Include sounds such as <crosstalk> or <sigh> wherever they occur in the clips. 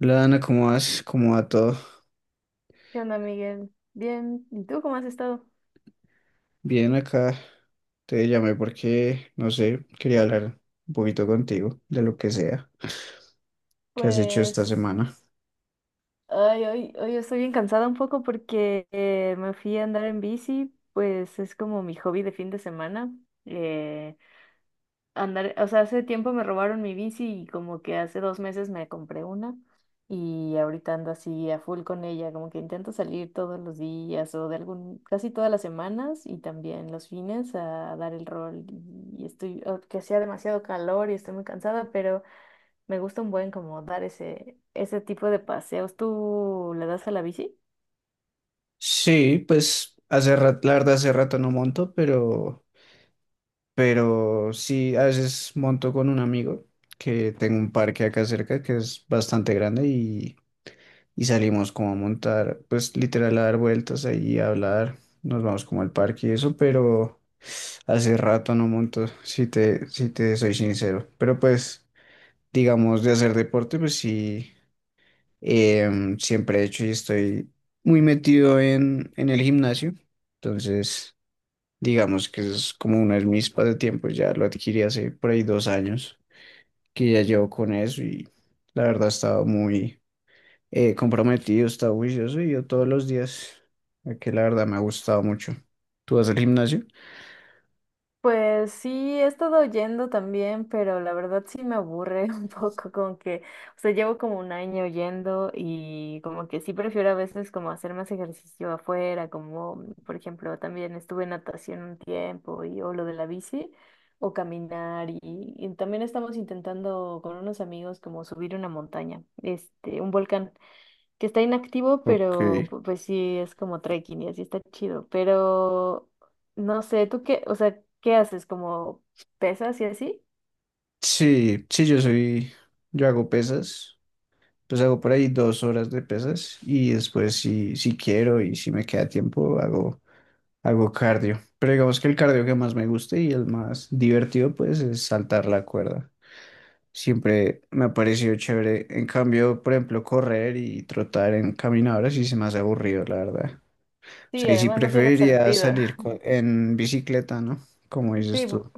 Hola Ana, ¿cómo vas? ¿Cómo va todo? ¿Qué onda, Miguel? Bien, ¿y tú cómo has estado? Bien acá. Te llamé porque, no sé, quería hablar un poquito contigo de lo que sea que has hecho esta Pues, semana. ay, hoy estoy bien cansada un poco porque me fui a andar en bici, pues es como mi hobby de fin de semana. eh, Andar, o sea, hace tiempo me robaron mi bici y como que hace 2 meses me compré una, y ahorita ando así a full con ella, como que intento salir todos los días o de algún, casi todas las semanas, y también los fines a dar el rol. Y estoy, oh, que hacía demasiado calor y estoy muy cansada. Me gusta un buen como dar ese tipo de paseos. ¿Tú le das a la bici? Sí, pues hace rato, la verdad hace rato no monto, pero sí, a veces monto con un amigo que tengo un parque acá cerca que es bastante grande y salimos como a montar, pues literal a dar vueltas ahí, a hablar, nos vamos como al parque y eso, pero... Hace rato no monto, si te soy sincero. Pero pues, digamos, de hacer deporte, pues sí, siempre he hecho y estoy muy metido en el gimnasio. Entonces, digamos que es como uno de mis pasatiempos, ya lo adquirí hace por ahí 2 años, que ya llevo con eso y la verdad he estado muy comprometido, he estado juicioso y yo todos los días, que la verdad me ha gustado mucho. ¿Tú vas al gimnasio? Pues sí, he estado yendo también, pero la verdad sí me aburre <laughs> un poco, como que, o sea, llevo como un año yendo, y como que sí prefiero a veces como hacer más ejercicio afuera, como por ejemplo también estuve en natación un tiempo y o lo de la bici o caminar. Y, y también estamos intentando con unos amigos como subir una montaña, este, un volcán que está inactivo, Ok. pero pues sí es como trekking y así está chido. Pero no sé, ¿tú qué, o sea, qué haces? ¿Como pesas y así? Sí, sí, yo hago pesas, pues hago por ahí 2 horas de pesas y después si quiero y si me queda tiempo hago cardio. Pero digamos que el cardio que más me gusta y el más divertido pues es saltar la cuerda. Siempre me ha parecido chévere. En cambio, por ejemplo, correr y trotar en caminadoras sí se me hace aburrido, la verdad. O Sí, sea, y si además no tiene preferiría sentido. salir <laughs> en bicicleta, ¿no? Como dices Sí, tú.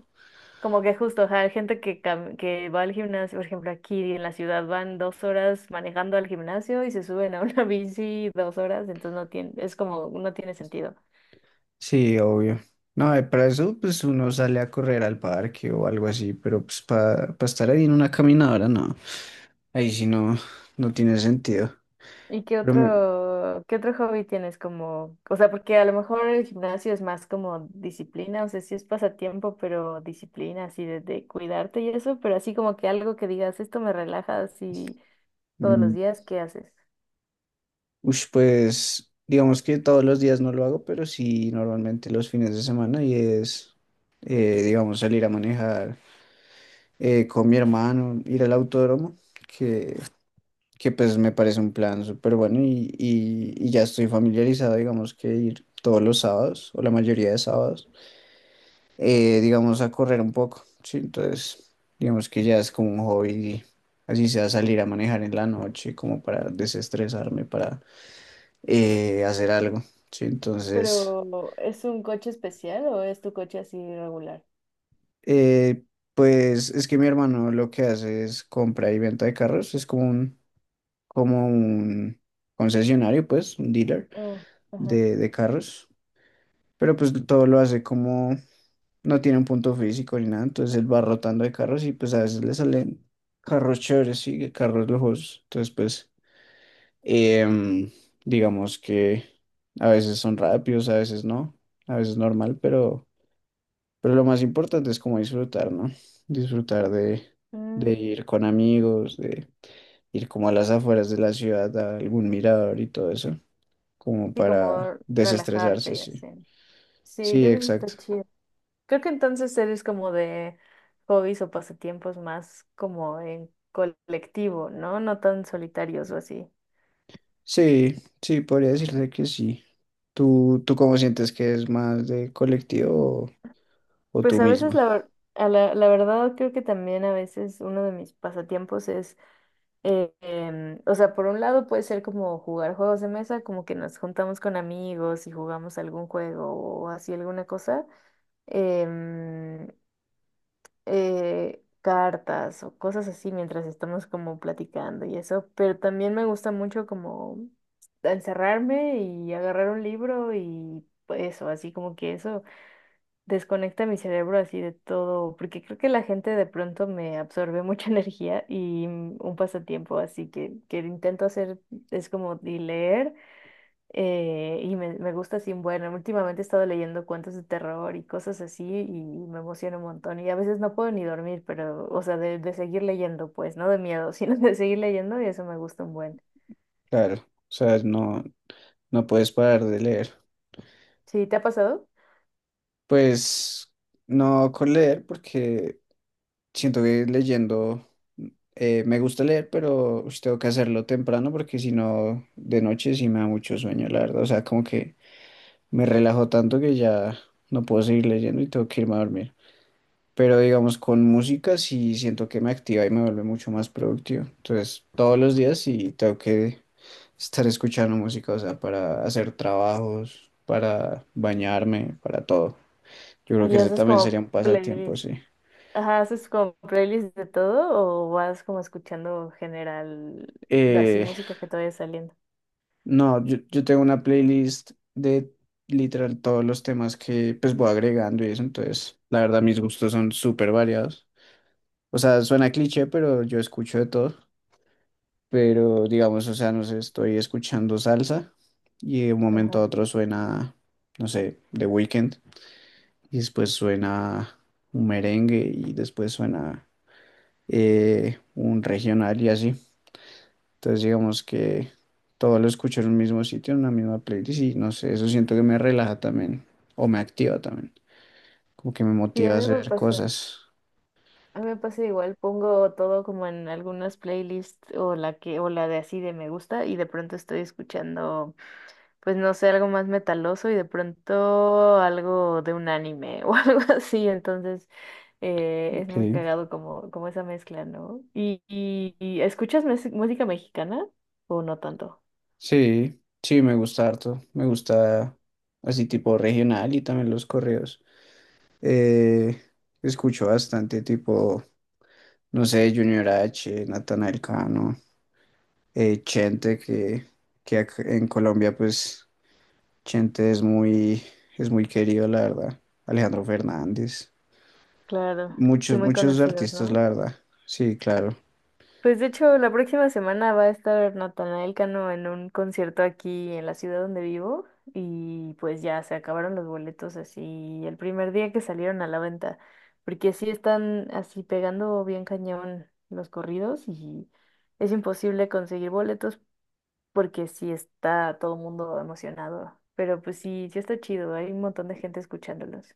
como que justo, ajá, hay gente que, que va al gimnasio, por ejemplo, aquí en la ciudad van 2 horas manejando al gimnasio y se suben a una <laughs> bici 2 horas, entonces no tiene, es como, no tiene sentido. Sí, obvio. No, para eso pues uno sale a correr al parque o algo así, pero pues para estar ahí en una caminadora, no. Ahí sí no, no tiene sentido. ¿Y qué Pero me- otro, qué otro hobby tienes como, o sea, porque a lo mejor el gimnasio es más como disciplina, o sea, sí es pasatiempo, pero disciplina, así de cuidarte y eso, pero así como que algo que digas, esto me relaja así todos los mm, días, ¿qué haces? Pues digamos que todos los días no lo hago, pero sí normalmente los fines de semana y es, digamos, salir a manejar con mi hermano, ir al autódromo, que, que pues me parece un plan súper bueno y ya estoy familiarizado, digamos, que ir todos los sábados o la mayoría de sábados. Digamos, a correr un poco, ¿sí? Entonces, digamos que ya es como un hobby, así sea salir a manejar en la noche, como para desestresarme, para hacer algo, ¿sí? Entonces, ¿Pero es un coche especial o es tu coche así regular? eh, pues es que mi hermano lo que hace es compra y venta de carros, es como un concesionario, pues, un dealer Oh, ajá. De carros, pero pues todo lo hace como no tiene un punto físico ni nada, entonces él va rotando de carros y pues a veces le salen carros chéveres, sí, carros lujosos. Entonces, pues, em, digamos que a veces son rápidos, a veces no, a veces normal, pero lo más importante es como disfrutar, ¿no? Disfrutar de, Mm, de ir con amigos, de ir como a las afueras de la ciudad, a algún mirador y todo eso, como sí, para como desestresarse, relajarte y sí. así. Sí, Sí, creo que eso exacto. está chido. Creo que entonces eres como de hobbies o pasatiempos más como en colectivo, ¿no? No tan solitarios o así. Sí, sí, podría decirse que sí. ¿Tú cómo sientes que es más de colectivo o Pues tú a veces misma? A la verdad creo que también a veces uno de mis pasatiempos es, o sea, por un lado puede ser como jugar juegos de mesa, como que nos juntamos con amigos y jugamos algún juego o así alguna cosa. Em, Cartas o cosas así mientras estamos como platicando y eso, pero también me gusta mucho como encerrarme y agarrar un libro y eso, así como que eso desconecta mi cerebro así de todo, porque creo que la gente de pronto me absorbe mucha <laughs> energía. Y un pasatiempo así que intento hacer es como de leer, y me gusta así. Bueno, últimamente he estado leyendo cuentos de terror y cosas así y me emociona un montón y a veces no puedo ni dormir, pero, o sea, de seguir leyendo, pues, no de miedo, <laughs> sino de seguir leyendo, y eso me gusta un buen. Claro, o sea, no, no puedes parar de leer. Sí, ¿te ha pasado? Pues no con leer porque siento que leyendo me gusta leer, pero ush, tengo que hacerlo temprano porque si no, de noche sí me da mucho sueño, la verdad. O sea, como que me relajo tanto que ya no puedo seguir leyendo y tengo que irme a dormir. Pero digamos, con música sí siento que me activa y me vuelve mucho más productivo. Entonces, todos los días sí tengo que estar escuchando música, o sea, para hacer trabajos, para bañarme, para todo. Yo creo que ¿Y ese haces también sería como un pasatiempo, playlist? sí. Ajá, ¿haces como playlist de todo o vas como escuchando general, así Eh, música que te vaya saliendo? no, yo tengo una playlist de literal todos los temas que pues voy agregando y eso, entonces, la verdad, mis gustos son súper variados. O sea, suena cliché, pero yo escucho de todo. Pero digamos, o sea, no sé, estoy escuchando salsa y de un momento a Ajá. otro no sé, The Weeknd y después suena un merengue y después suena un regional y así. Entonces digamos que todo lo escucho en un mismo sitio, en una misma playlist y no sé, eso siento que me relaja también o me activa también, como que me Sí, a motiva a mí me hacer pasa. cosas. A mí me pasa igual, pongo todo como en algunas playlists o la que o la de así de me gusta, y de pronto estoy escuchando, pues no sé, algo más metaloso y de pronto algo de un anime <laughs> o algo así. Entonces es Ok, muy cagado como, como esa mezcla, ¿no? ¿Y escuchas música mexicana o no tanto? sí, sí, me gusta harto, me gusta así tipo regional y también los correos. Eh, escucho bastante tipo, no sé, Junior H, Natanael Cano, Chente, que en Colombia pues Chente es muy, es muy querido, la verdad. Alejandro Fernández. Claro, sí, Muchos, muy muchos conocidos. artistas, No, la verdad. Sí, claro, pues de hecho, la próxima semana va a estar Natanael Cano en un concierto aquí en la ciudad donde vivo, y pues ya se acabaron los boletos así el primer día que salieron a la venta, porque sí están así pegando bien cañón los corridos y es imposible conseguir boletos, porque sí está todo el mundo emocionado. Pero pues sí, sí está chido, hay un montón de gente escuchándolos.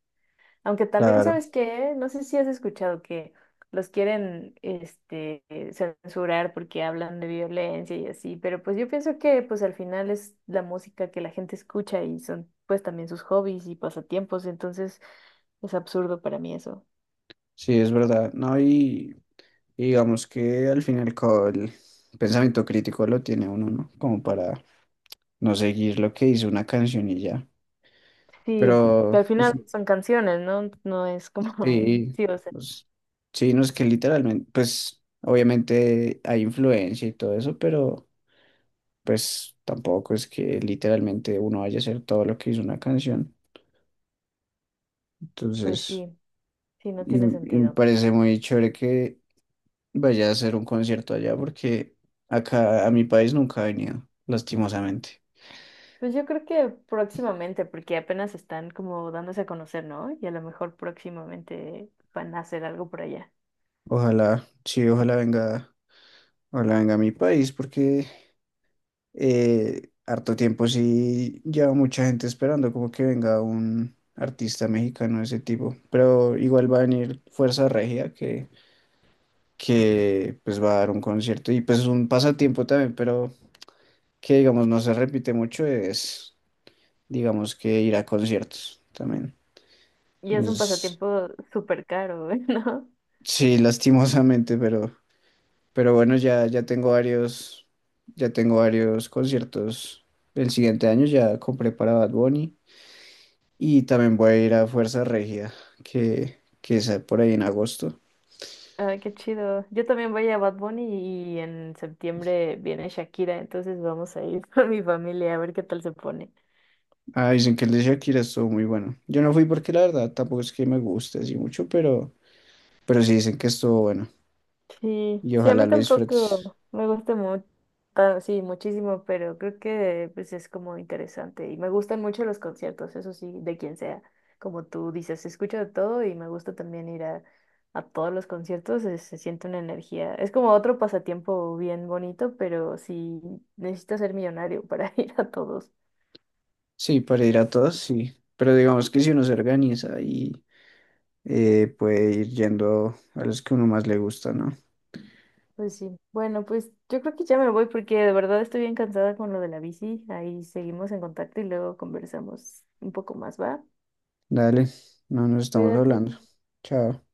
Aunque también claro. sabes que, no sé si has escuchado que los quieren este, censurar, porque hablan de violencia y así, pero pues yo pienso que pues al final es la música que la gente escucha, y son pues también sus hobbies y pasatiempos, entonces es absurdo para mí eso. Sí, es verdad. No, y digamos que al final el pensamiento crítico lo tiene uno, ¿no? Como para no seguir lo que hizo una canción y ya. Sí, que Pero al final ush, son canciones, ¿no? No es como, <laughs> sí, sí, o sea, pues, sí, no es que literalmente, pues obviamente hay influencia y todo eso, pero pues tampoco es que literalmente uno vaya a hacer todo lo que hizo una canción. pues Entonces, sí, sí, no tiene y me sentido. parece muy chévere que vaya a hacer un concierto allá porque acá a mi país nunca ha venido, lastimosamente. Pues yo creo que próximamente, porque apenas están como dándose a conocer, ¿no? Y a lo mejor próximamente van a hacer algo por allá. Ojalá, sí, ojalá venga a mi país porque harto tiempo sí lleva mucha gente esperando como que venga un artista mexicano de ese tipo, pero igual va a venir Fuerza Regia que pues va a dar un concierto y pues es un pasatiempo también, pero que digamos no se repite mucho es digamos que ir a conciertos también. Y es un Es- pasatiempo súper caro, <laughs> ¿no? sí, lastimosamente, pero bueno, ya tengo varios conciertos. El siguiente año ya compré para Bad Bunny. Y también voy a ir a Fuerza Regida, que es por ahí en agosto. Ay, qué chido. Yo también voy a Bad Bunny y en septiembre viene Shakira, entonces vamos a ir <laughs> con mi familia a ver qué tal se pone. Ah, dicen que el de Shakira estuvo muy bueno. Yo no fui porque la verdad tampoco es que me guste así mucho, pero sí dicen que estuvo bueno. Sí, Y sí, a ojalá mí lo disfrutes. tampoco me gusta mucho, sí, muchísimo, pero creo que pues es como interesante y me gustan mucho los conciertos, eso sí, de quien sea. Como tú dices, escucho de todo y me gusta también ir a todos los conciertos, se siente una energía. Es como otro pasatiempo bien bonito, pero sí, necesitas ser millonario para <laughs> ir a todos. Sí, para ir a todos, sí. Pero digamos que si uno se organiza y puede ir yendo a los que uno más le gusta, ¿no? Pues sí, bueno, pues yo creo que ya me voy porque de verdad estoy bien cansada con lo de la bici. Ahí seguimos en contacto y luego conversamos un poco más, ¿va? Dale, no nos estamos Cuídate. hablando. Chao.